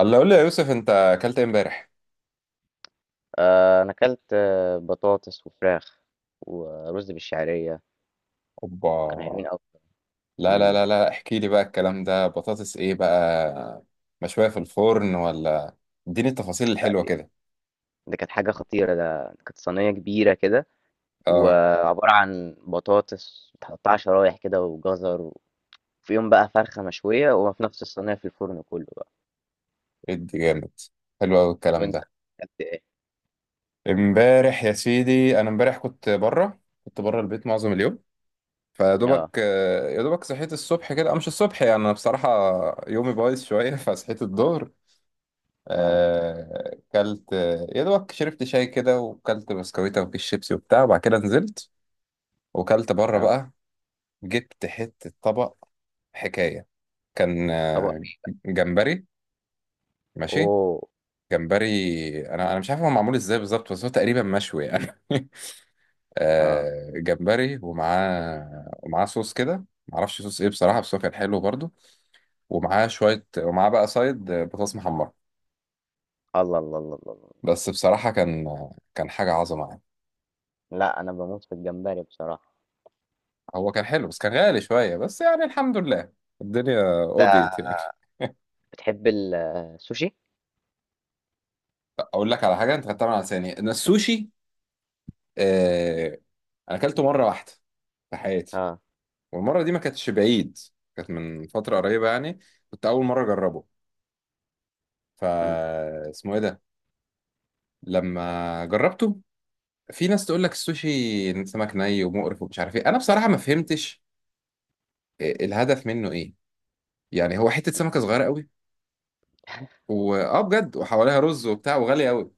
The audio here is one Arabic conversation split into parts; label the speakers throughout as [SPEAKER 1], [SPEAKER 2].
[SPEAKER 1] الله، قول لي يا يوسف، انت اكلت ايه امبارح؟
[SPEAKER 2] آه، انا اكلت بطاطس وفراخ ورز بالشعريه. كانوا
[SPEAKER 1] اوبا.
[SPEAKER 2] حلوين قوي.
[SPEAKER 1] لا لا
[SPEAKER 2] مم،
[SPEAKER 1] لا لا، احكي لي بقى الكلام ده. بطاطس ايه بقى؟ مشوية في الفرن ولا؟ اديني التفاصيل
[SPEAKER 2] لا،
[SPEAKER 1] الحلوة
[SPEAKER 2] دي,
[SPEAKER 1] كده.
[SPEAKER 2] دي كانت حاجه خطيره. ده كانت صينيه كبيره كده،
[SPEAKER 1] اه.
[SPEAKER 2] وعباره عن بطاطس متقطعه شرايح كده وجزر، وفيهم بقى فرخه مشويه، وفي نفس الصينيه في الفرن كله بقى.
[SPEAKER 1] ادي جامد. حلو قوي الكلام
[SPEAKER 2] وانت
[SPEAKER 1] ده.
[SPEAKER 2] اكلت ايه؟
[SPEAKER 1] امبارح يا سيدي، انا امبارح كنت بره البيت معظم اليوم. فيدوبك،
[SPEAKER 2] اه.
[SPEAKER 1] يا دوبك صحيت الصبح كده، أو مش الصبح يعني، انا بصراحة يومي بايظ شوية. فصحيت الظهر.
[SPEAKER 2] اه.
[SPEAKER 1] كلت، يا دوبك شربت شاي كده، وكلت بسكويتة وكيس شيبسي وبتاع، وبعد كده نزلت وكلت بره
[SPEAKER 2] اه.
[SPEAKER 1] بقى. جبت حتة طبق حكاية. كان،
[SPEAKER 2] طبق.
[SPEAKER 1] جمبري. ماشي،
[SPEAKER 2] اوه.
[SPEAKER 1] جمبري. انا مش عارف هو معمول ازاي بالظبط، بس هو تقريبا مشوي يعني.
[SPEAKER 2] اه.
[SPEAKER 1] جمبري، ومعاه صوص كده، معرفش صوص ايه بصراحة، بس هو كان حلو برضو. ومعاه شوية، ومعاه بقى سايد، بطاطس محمرة.
[SPEAKER 2] الله الله الله الله الله.
[SPEAKER 1] بس بصراحة كان حاجة عظمة يعني.
[SPEAKER 2] لا، انا بموت في الجمبري بصراحه.
[SPEAKER 1] هو كان حلو بس كان غالي شوية، بس يعني الحمد لله، الدنيا
[SPEAKER 2] انت
[SPEAKER 1] قضيت يعني.
[SPEAKER 2] بتحب السوشي؟
[SPEAKER 1] اقول لك على حاجة انت خدتها من على لساني، ان السوشي، آه، انا اكلته مره واحده في حياتي،
[SPEAKER 2] اه.
[SPEAKER 1] والمره دي ما كانتش بعيد، كانت من فتره
[SPEAKER 2] اه.
[SPEAKER 1] قريبه يعني. كنت اول مره اجربه، فا
[SPEAKER 2] مم.
[SPEAKER 1] اسمه ايه ده، لما جربته. في ناس تقول لك السوشي سمك ني ومقرف ومش عارف ايه. انا بصراحه ما فهمتش الهدف منه ايه. يعني هو حته
[SPEAKER 2] مم.
[SPEAKER 1] سمكه صغيره قوي واه، بجد، وحواليها رز وبتاع، وغالي قوي.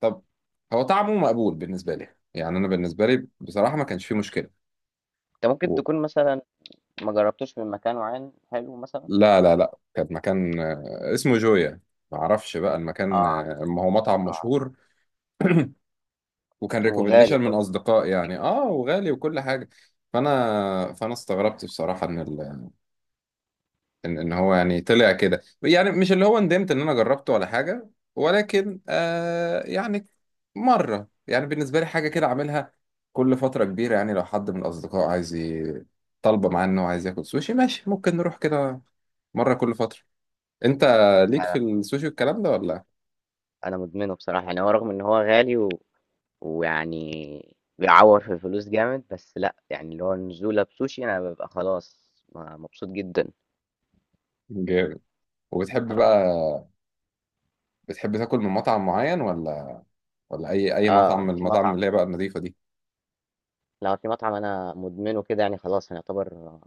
[SPEAKER 1] طب، هو طعمه مقبول بالنسبه لي، يعني انا بالنسبه لي بصراحه ما كانش فيه مشكله.
[SPEAKER 2] انت ممكن تكون مثلا ما جربتوش من مكان معين حلو مثلًا؟
[SPEAKER 1] لا لا لا، كان مكان اسمه جويا. ما اعرفش بقى المكان،
[SPEAKER 2] آه،
[SPEAKER 1] ما هو مطعم
[SPEAKER 2] آه،
[SPEAKER 1] مشهور، وكان
[SPEAKER 2] وغالي
[SPEAKER 1] ريكومنديشن من
[SPEAKER 2] برضه.
[SPEAKER 1] اصدقاء يعني، اه، وغالي وكل حاجه. فانا استغربت بصراحه، ان ان هو يعني طلع كده، يعني مش اللي هو ندمت ان انا جربته ولا حاجه، ولكن آه يعني، مره يعني بالنسبه لي، حاجه كده اعملها كل فتره كبيره يعني. لو حد من الاصدقاء عايز، طالبه معاه انه عايز ياكل سوشي، ماشي، ممكن نروح كده مره كل فتره. انت ليك
[SPEAKER 2] أنا
[SPEAKER 1] في السوشي والكلام ده ولا؟
[SPEAKER 2] أنا مدمنه بصراحة، يعني هو رغم إن هو غالي، و ويعني بيعوّر في الفلوس جامد، بس لأ، يعني اللي هو النزولة بسوشي أنا بابقى خلاص مبسوط جدًا.
[SPEAKER 1] جامد. وبتحب بقى، بتحب تاكل من مطعم معين، ولا اي
[SPEAKER 2] آه،
[SPEAKER 1] مطعم من
[SPEAKER 2] آه، في
[SPEAKER 1] المطاعم
[SPEAKER 2] مطعم.
[SPEAKER 1] اللي هي بقى النظيفه دي؟
[SPEAKER 2] لأ، في مطعم أنا مدمنه كده يعني خلاص، أنا يعتبر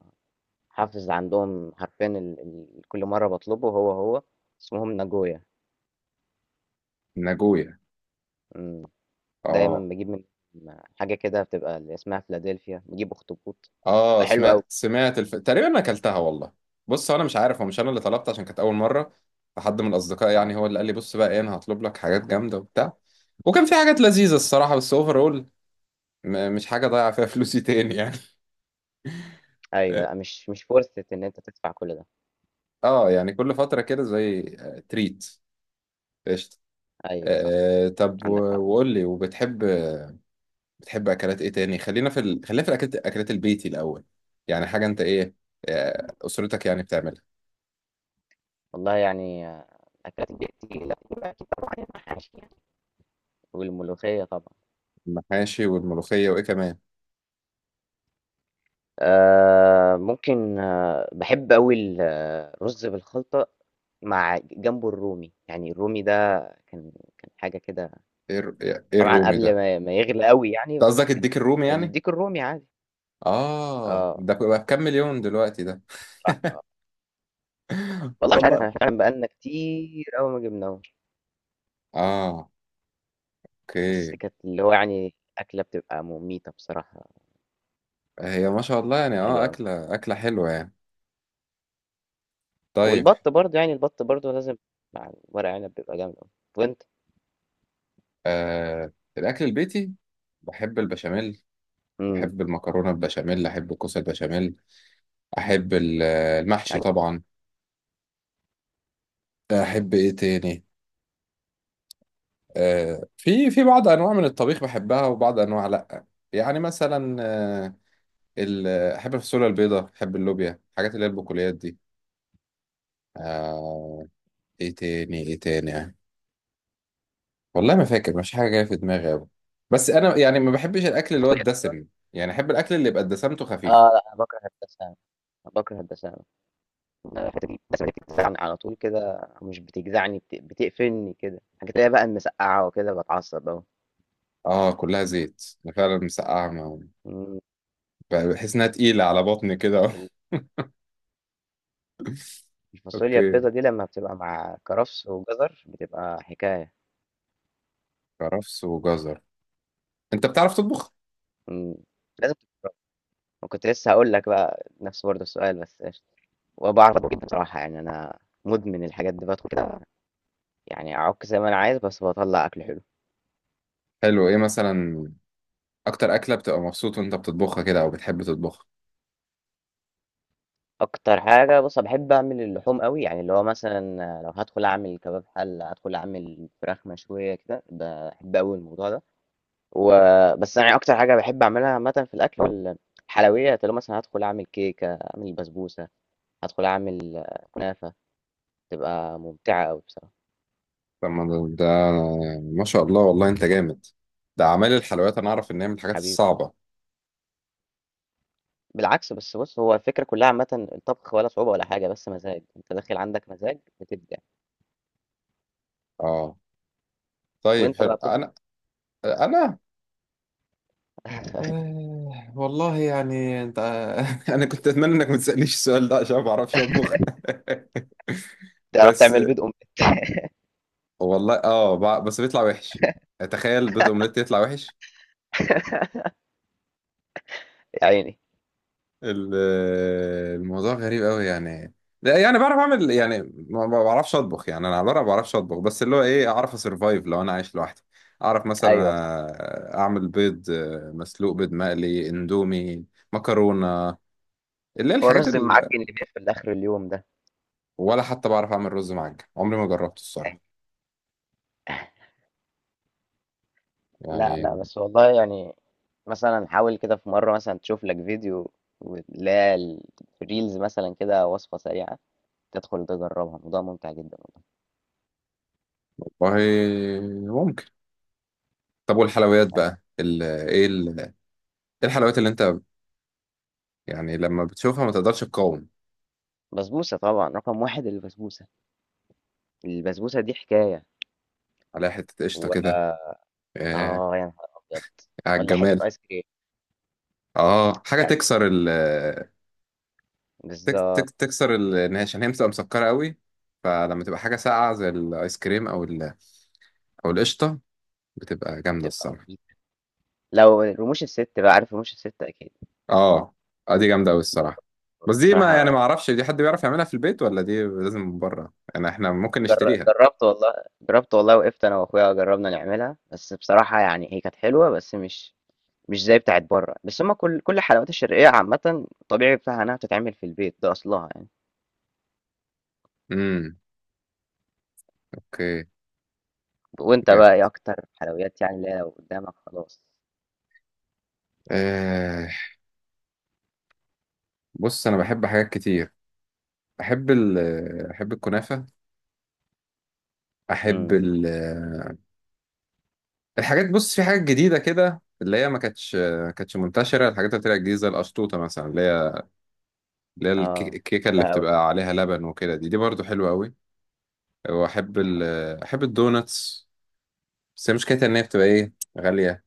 [SPEAKER 2] حافظ عندهم حرفيًا ال كل مرّة باطلبه، هو، اسمهم ناجويا.
[SPEAKER 1] ناجويا.
[SPEAKER 2] إمم، دايمًا
[SPEAKER 1] اه.
[SPEAKER 2] باجيب منهم حاجة كده بتبقى اللي اسمها فيلادلفيا، باجيب أخطبوط،
[SPEAKER 1] اه،
[SPEAKER 2] بتبقى حلوة أوي.
[SPEAKER 1] سمعت تقريبا انا اكلتها والله. بص، هو انا مش عارف، هو مش انا اللي طلبت، عشان كانت اول مره، فحد من الاصدقاء يعني
[SPEAKER 2] آه.
[SPEAKER 1] هو اللي قال لي بص بقى ايه، انا هطلب لك حاجات جامده وبتاع. وكان في حاجات لذيذه الصراحه، بس اوفر، اول مش حاجه ضايعه فيها فلوسي تاني يعني.
[SPEAKER 2] أيوه، لأ مش فرصة إن أنت تدفع كل ده.
[SPEAKER 1] اه يعني كل فتره كده، زي تريت. قشطه.
[SPEAKER 2] أيوه صح،
[SPEAKER 1] آه، طب،
[SPEAKER 2] عندك حق.
[SPEAKER 1] وقول لي، وبتحب، بتحب اكلات ايه تاني؟ خلينا في الاكلات، اكلات البيتي الاول، يعني حاجه انت ايه، اسرتك يعني بتعملها.
[SPEAKER 2] والله يعني، أكلات البيت دي لأ، يبقى أكيد طبعًا المحاشي يعني، والملوخية طبعًا.
[SPEAKER 1] المحاشي والملوخيه، وايه كمان؟
[SPEAKER 2] ممكن، باحب أوي الرز بالخلطة مع جنبه الرومي، يعني الرومي ده كان كان حاجة كده.
[SPEAKER 1] ايه الر- ايه
[SPEAKER 2] طبعًا
[SPEAKER 1] الرومي
[SPEAKER 2] قبل
[SPEAKER 1] ده؟
[SPEAKER 2] ما يغلى أوي يعني،
[SPEAKER 1] انت قصدك الديك الرومي يعني؟
[SPEAKER 2] الديك الرومي عادي.
[SPEAKER 1] اه،
[SPEAKER 2] آه،
[SPEAKER 1] ده بقى بكام مليون دلوقتي ده؟
[SPEAKER 2] بصراحة، والله مش عارف، إحنا
[SPEAKER 1] والله،
[SPEAKER 2] فعلًا بقى لنا كتير أوي ما جبناهوش،
[SPEAKER 1] اه،
[SPEAKER 2] بس
[SPEAKER 1] اوكي.
[SPEAKER 2] كانت اللي هو يعني أكلة بتبقى مميتة بصراحة.
[SPEAKER 1] هي ما شاء الله يعني،
[SPEAKER 2] حلو
[SPEAKER 1] اه،
[SPEAKER 2] أوي.
[SPEAKER 1] اكله حلوه يعني. طيب.
[SPEAKER 2] والبط برضه، يعني البط برضه لازم مع ورق عنب بيبقى جامد أوي. وأنت؟
[SPEAKER 1] آه الاكل البيتي، بحب البشاميل،
[SPEAKER 2] امم.
[SPEAKER 1] بحب المكرونه البشاميل، احب الكوسه البشاميل، احب المحشي
[SPEAKER 2] عايز.
[SPEAKER 1] طبعا.
[SPEAKER 2] اه.
[SPEAKER 1] احب ايه تاني؟ في بعض انواع من الطبيخ بحبها، وبعض انواع لا. يعني مثلا، ال- احب الفاصوليا البيضاء، احب اللوبيا، الحاجات اللي هي البقوليات دي. آه، ايه تاني ايه تاني؟ والله ما فاكر، مش حاجه جايه في دماغي أوي. بس انا يعني ما بحبش الاكل اللي هو
[SPEAKER 2] فاصوليا كده.
[SPEAKER 1] الدسم، يعني احب الاكل اللي يبقى دسمته خفيفه.
[SPEAKER 2] اه. لا، أنا بكره الدسامة. أنا بكره الدسامة. أنا الحتة دي الدسامة دي بتجزعني على طول كده، مش بتجزعني، بتقفلني كده، الحاجات اللي هي بقى المسقعة وكده بتعصب أوي.
[SPEAKER 1] اه، كلها زيت، أنا فعلا مسقعه
[SPEAKER 2] مم.
[SPEAKER 1] بحس انها تقيله على بطني كده.
[SPEAKER 2] الفاصوليا
[SPEAKER 1] اوكي،
[SPEAKER 2] البيضة دي لما بتبقى مع كرفس وجزر بتبقى حكاية.
[SPEAKER 1] كرفس وجزر. انت بتعرف تطبخ؟
[SPEAKER 2] مم. لازم. كنت لسه هقول لك بقى نفس برضه السؤال، بس قشطة. وبعرف أطبخ جدا بصراحة، يعني أنا مدمن الحاجات دي، بدخل كده يعني اعك زي ما انا عايز، بس بطلع اكل حلو.
[SPEAKER 1] حلو، ايه مثلا؟ اكتر اكله بتبقى مبسوط وانت بتطبخها كده، او بتحب تطبخها؟
[SPEAKER 2] اكتر حاجه، بص أنا بحب اعمل اللحوم قوي، يعني اللي هو مثلا لو هدخل اعمل كباب حله، هدخل اعمل فراخ مشويه كده، بحب قوي الموضوع ده. وبس يعني اكتر حاجه بحب اعملها عامه في الاكل الحلويات، اللي هو مثلا هدخل اعمل كيكه، اعمل بسبوسه، هدخل اعمل كنافه، تبقى ممتعه قوي بصراحه.
[SPEAKER 1] طب ما ده ما شاء الله والله انت جامد. ده اعمال الحلويات انا اعرف ان هي من الحاجات
[SPEAKER 2] حبيبي،
[SPEAKER 1] الصعبه.
[SPEAKER 2] بالعكس، بس بص هو الفكره كلها عامه الطبخ ولا صعوبه ولا حاجه، بس مزاج، انت داخل عندك مزاج بتبدع.
[SPEAKER 1] اه، طيب،
[SPEAKER 2] وانت
[SPEAKER 1] حلو.
[SPEAKER 2] بقى بتطبخ؟
[SPEAKER 1] انا، انا، والله يعني، انت. انا كنت اتمنى انك ما تسالنيش السؤال ده، عشان ما بعرفش اطبخ.
[SPEAKER 2] تعرف
[SPEAKER 1] بس
[SPEAKER 2] تعمل بيض ام؟
[SPEAKER 1] والله اه، بس بيطلع وحش، تخيل بيض اومليت يطلع وحش.
[SPEAKER 2] يا عيني.
[SPEAKER 1] ال- الموضوع غريب قوي يعني. لا يعني بعرف اعمل يعني، ما بعرفش اطبخ يعني، انا على الورق ما بعرفش اطبخ، بس اللي هو ايه، اعرف اسرفايف لو انا عايش لوحدي. اعرف مثلا
[SPEAKER 2] أيوه صح،
[SPEAKER 1] اعمل بيض مسلوق، بيض مقلي، اندومي، مكرونه، اللي هي
[SPEAKER 2] هو
[SPEAKER 1] الحاجات
[SPEAKER 2] الرز
[SPEAKER 1] ال...
[SPEAKER 2] المعجّن اللي بيقفل آخر اليوم ده؟
[SPEAKER 1] ولا حتى بعرف اعمل رز معجن، عمري ما جربته الصراحه
[SPEAKER 2] يعني، لأ، لأ،
[SPEAKER 1] يعني.
[SPEAKER 2] بس والله يعني مثلًا حاول كده في مرّة، مثلًا تشوف لك فيديو، واللي هي الreels مثلًا كده، وصفة سريعة، تدخل تجرّبها، الموضوع ممتع جدًا.
[SPEAKER 1] والله، ممكن. طب والحلويات
[SPEAKER 2] والله.
[SPEAKER 1] بقى إيه الحلويات اللي انت يعني لما بتشوفها ما تقدرش تقاوم؟
[SPEAKER 2] بسبوسة طبعًا، رقم 1 البسبوسة، البسبوسة دي حكاية.
[SPEAKER 1] عليها حته قشطه كده،
[SPEAKER 2] و،
[SPEAKER 1] آه،
[SPEAKER 2] آه، يا نهار أبيض!
[SPEAKER 1] على
[SPEAKER 2] والّا حتّة
[SPEAKER 1] الجمال.
[SPEAKER 2] آيس كريم،
[SPEAKER 1] اه، حاجه
[SPEAKER 2] يعني
[SPEAKER 1] تكسر، ال تك تك
[SPEAKER 2] بالضبط،
[SPEAKER 1] تكسر ال- ان هي عشان هي بتبقى مسكره قوي، فلما تبقى حاجه ساقعه زي الايس كريم او او القشطه، بتبقى جامده
[SPEAKER 2] تبقى
[SPEAKER 1] الصراحه.
[SPEAKER 2] مميتة. لو رموش الست بقى، عارف رموش الست أكيد؟
[SPEAKER 1] اه، اه، دي جامده قوي الصراحه. بس دي ما،
[SPEAKER 2] بصراحة،
[SPEAKER 1] يعني ما اعرفش، دي حد بيعرف يعملها في البيت، ولا دي لازم من بره؟ يعني احنا ممكن نشتريها.
[SPEAKER 2] جربت والله، جربت والله، وقفت انا واخويا جربنا نعملها، بس بصراحه يعني هي كانت حلوه بس مش زي بتاعت بره، بس هما كل الحلويات الشرقيه عامه، الطبيعي بتاعها انها بتتعمل في البيت، ده اصلها يعني.
[SPEAKER 1] امم، اوكي.
[SPEAKER 2] وانت
[SPEAKER 1] جامد.
[SPEAKER 2] بقى ايه اكتر حلويات، يعني اللي هي لو قدامك خلاص؟
[SPEAKER 1] آه بص انا بحب حاجات كتير، بحب ال... بحب الكنافه، احب
[SPEAKER 2] امم.
[SPEAKER 1] ال... الحاجات، بص في حاجات جديدة كده اللي هي ما كانتش منتشرة، الحاجات اللي طلعت جديدة زي القشطوطة مثلا، اللي هي
[SPEAKER 2] اه.
[SPEAKER 1] الكيكة اللي
[SPEAKER 2] بقى قوي.
[SPEAKER 1] بتبقى عليها لبن وكده، دي برضو حلوة قوي. وأحب ال أحب الدوناتس، بس هي مشكلتها إن هي بتبقى إيه؟ غالية.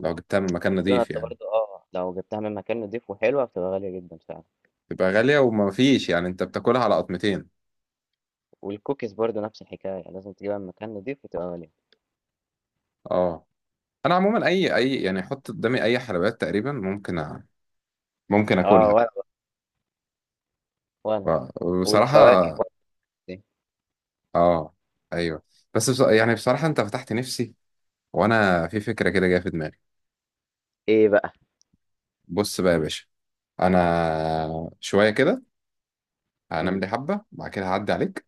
[SPEAKER 1] لو جبتها من مكان نظيف
[SPEAKER 2] الدوناتس
[SPEAKER 1] يعني،
[SPEAKER 2] برضه، اه لو جبتها من مكان نضيف وحلوه بتبقى غاليه جدا فعلا.
[SPEAKER 1] بتبقى غالية، وما فيش يعني، أنت بتاكلها على قطمتين.
[SPEAKER 2] والكوكيز برضه نفس الحكايه، يعني لازم تجيبها من مكان نضيف وتبقى غاليه.
[SPEAKER 1] أه، أنا عموما، أي يعني أحط قدامي أي حلويات تقريبا، ممكن
[SPEAKER 2] اه.
[SPEAKER 1] أكلها.
[SPEAKER 2] وانا.
[SPEAKER 1] و-
[SPEAKER 2] والفواكه
[SPEAKER 1] وبصراحة،
[SPEAKER 2] برضه.
[SPEAKER 1] أه، أيوه، بس بص، يعني بصراحة أنت فتحت نفسي، وانا في فكره كده جايه في دماغي.
[SPEAKER 2] ايه بقى؟
[SPEAKER 1] بص بقى يا باشا، انا شويه كده هنام
[SPEAKER 2] امم.
[SPEAKER 1] لي حبه، بعد كده هعدي عليك،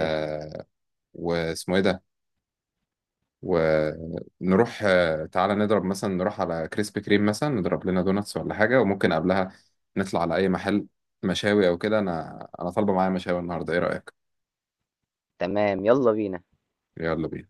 [SPEAKER 2] قشطة.
[SPEAKER 1] واسمه ايه ده، ونروح، آه، تعالى نضرب مثلا نروح على كريسبي كريم مثلا، نضرب لنا دوناتس ولا حاجه، وممكن قبلها نطلع على اي محل مشاوي او كده. انا طالبه معايا مشاوي النهارده، ايه رايك؟
[SPEAKER 2] تمام، يلا بينا.
[SPEAKER 1] يلا بينا.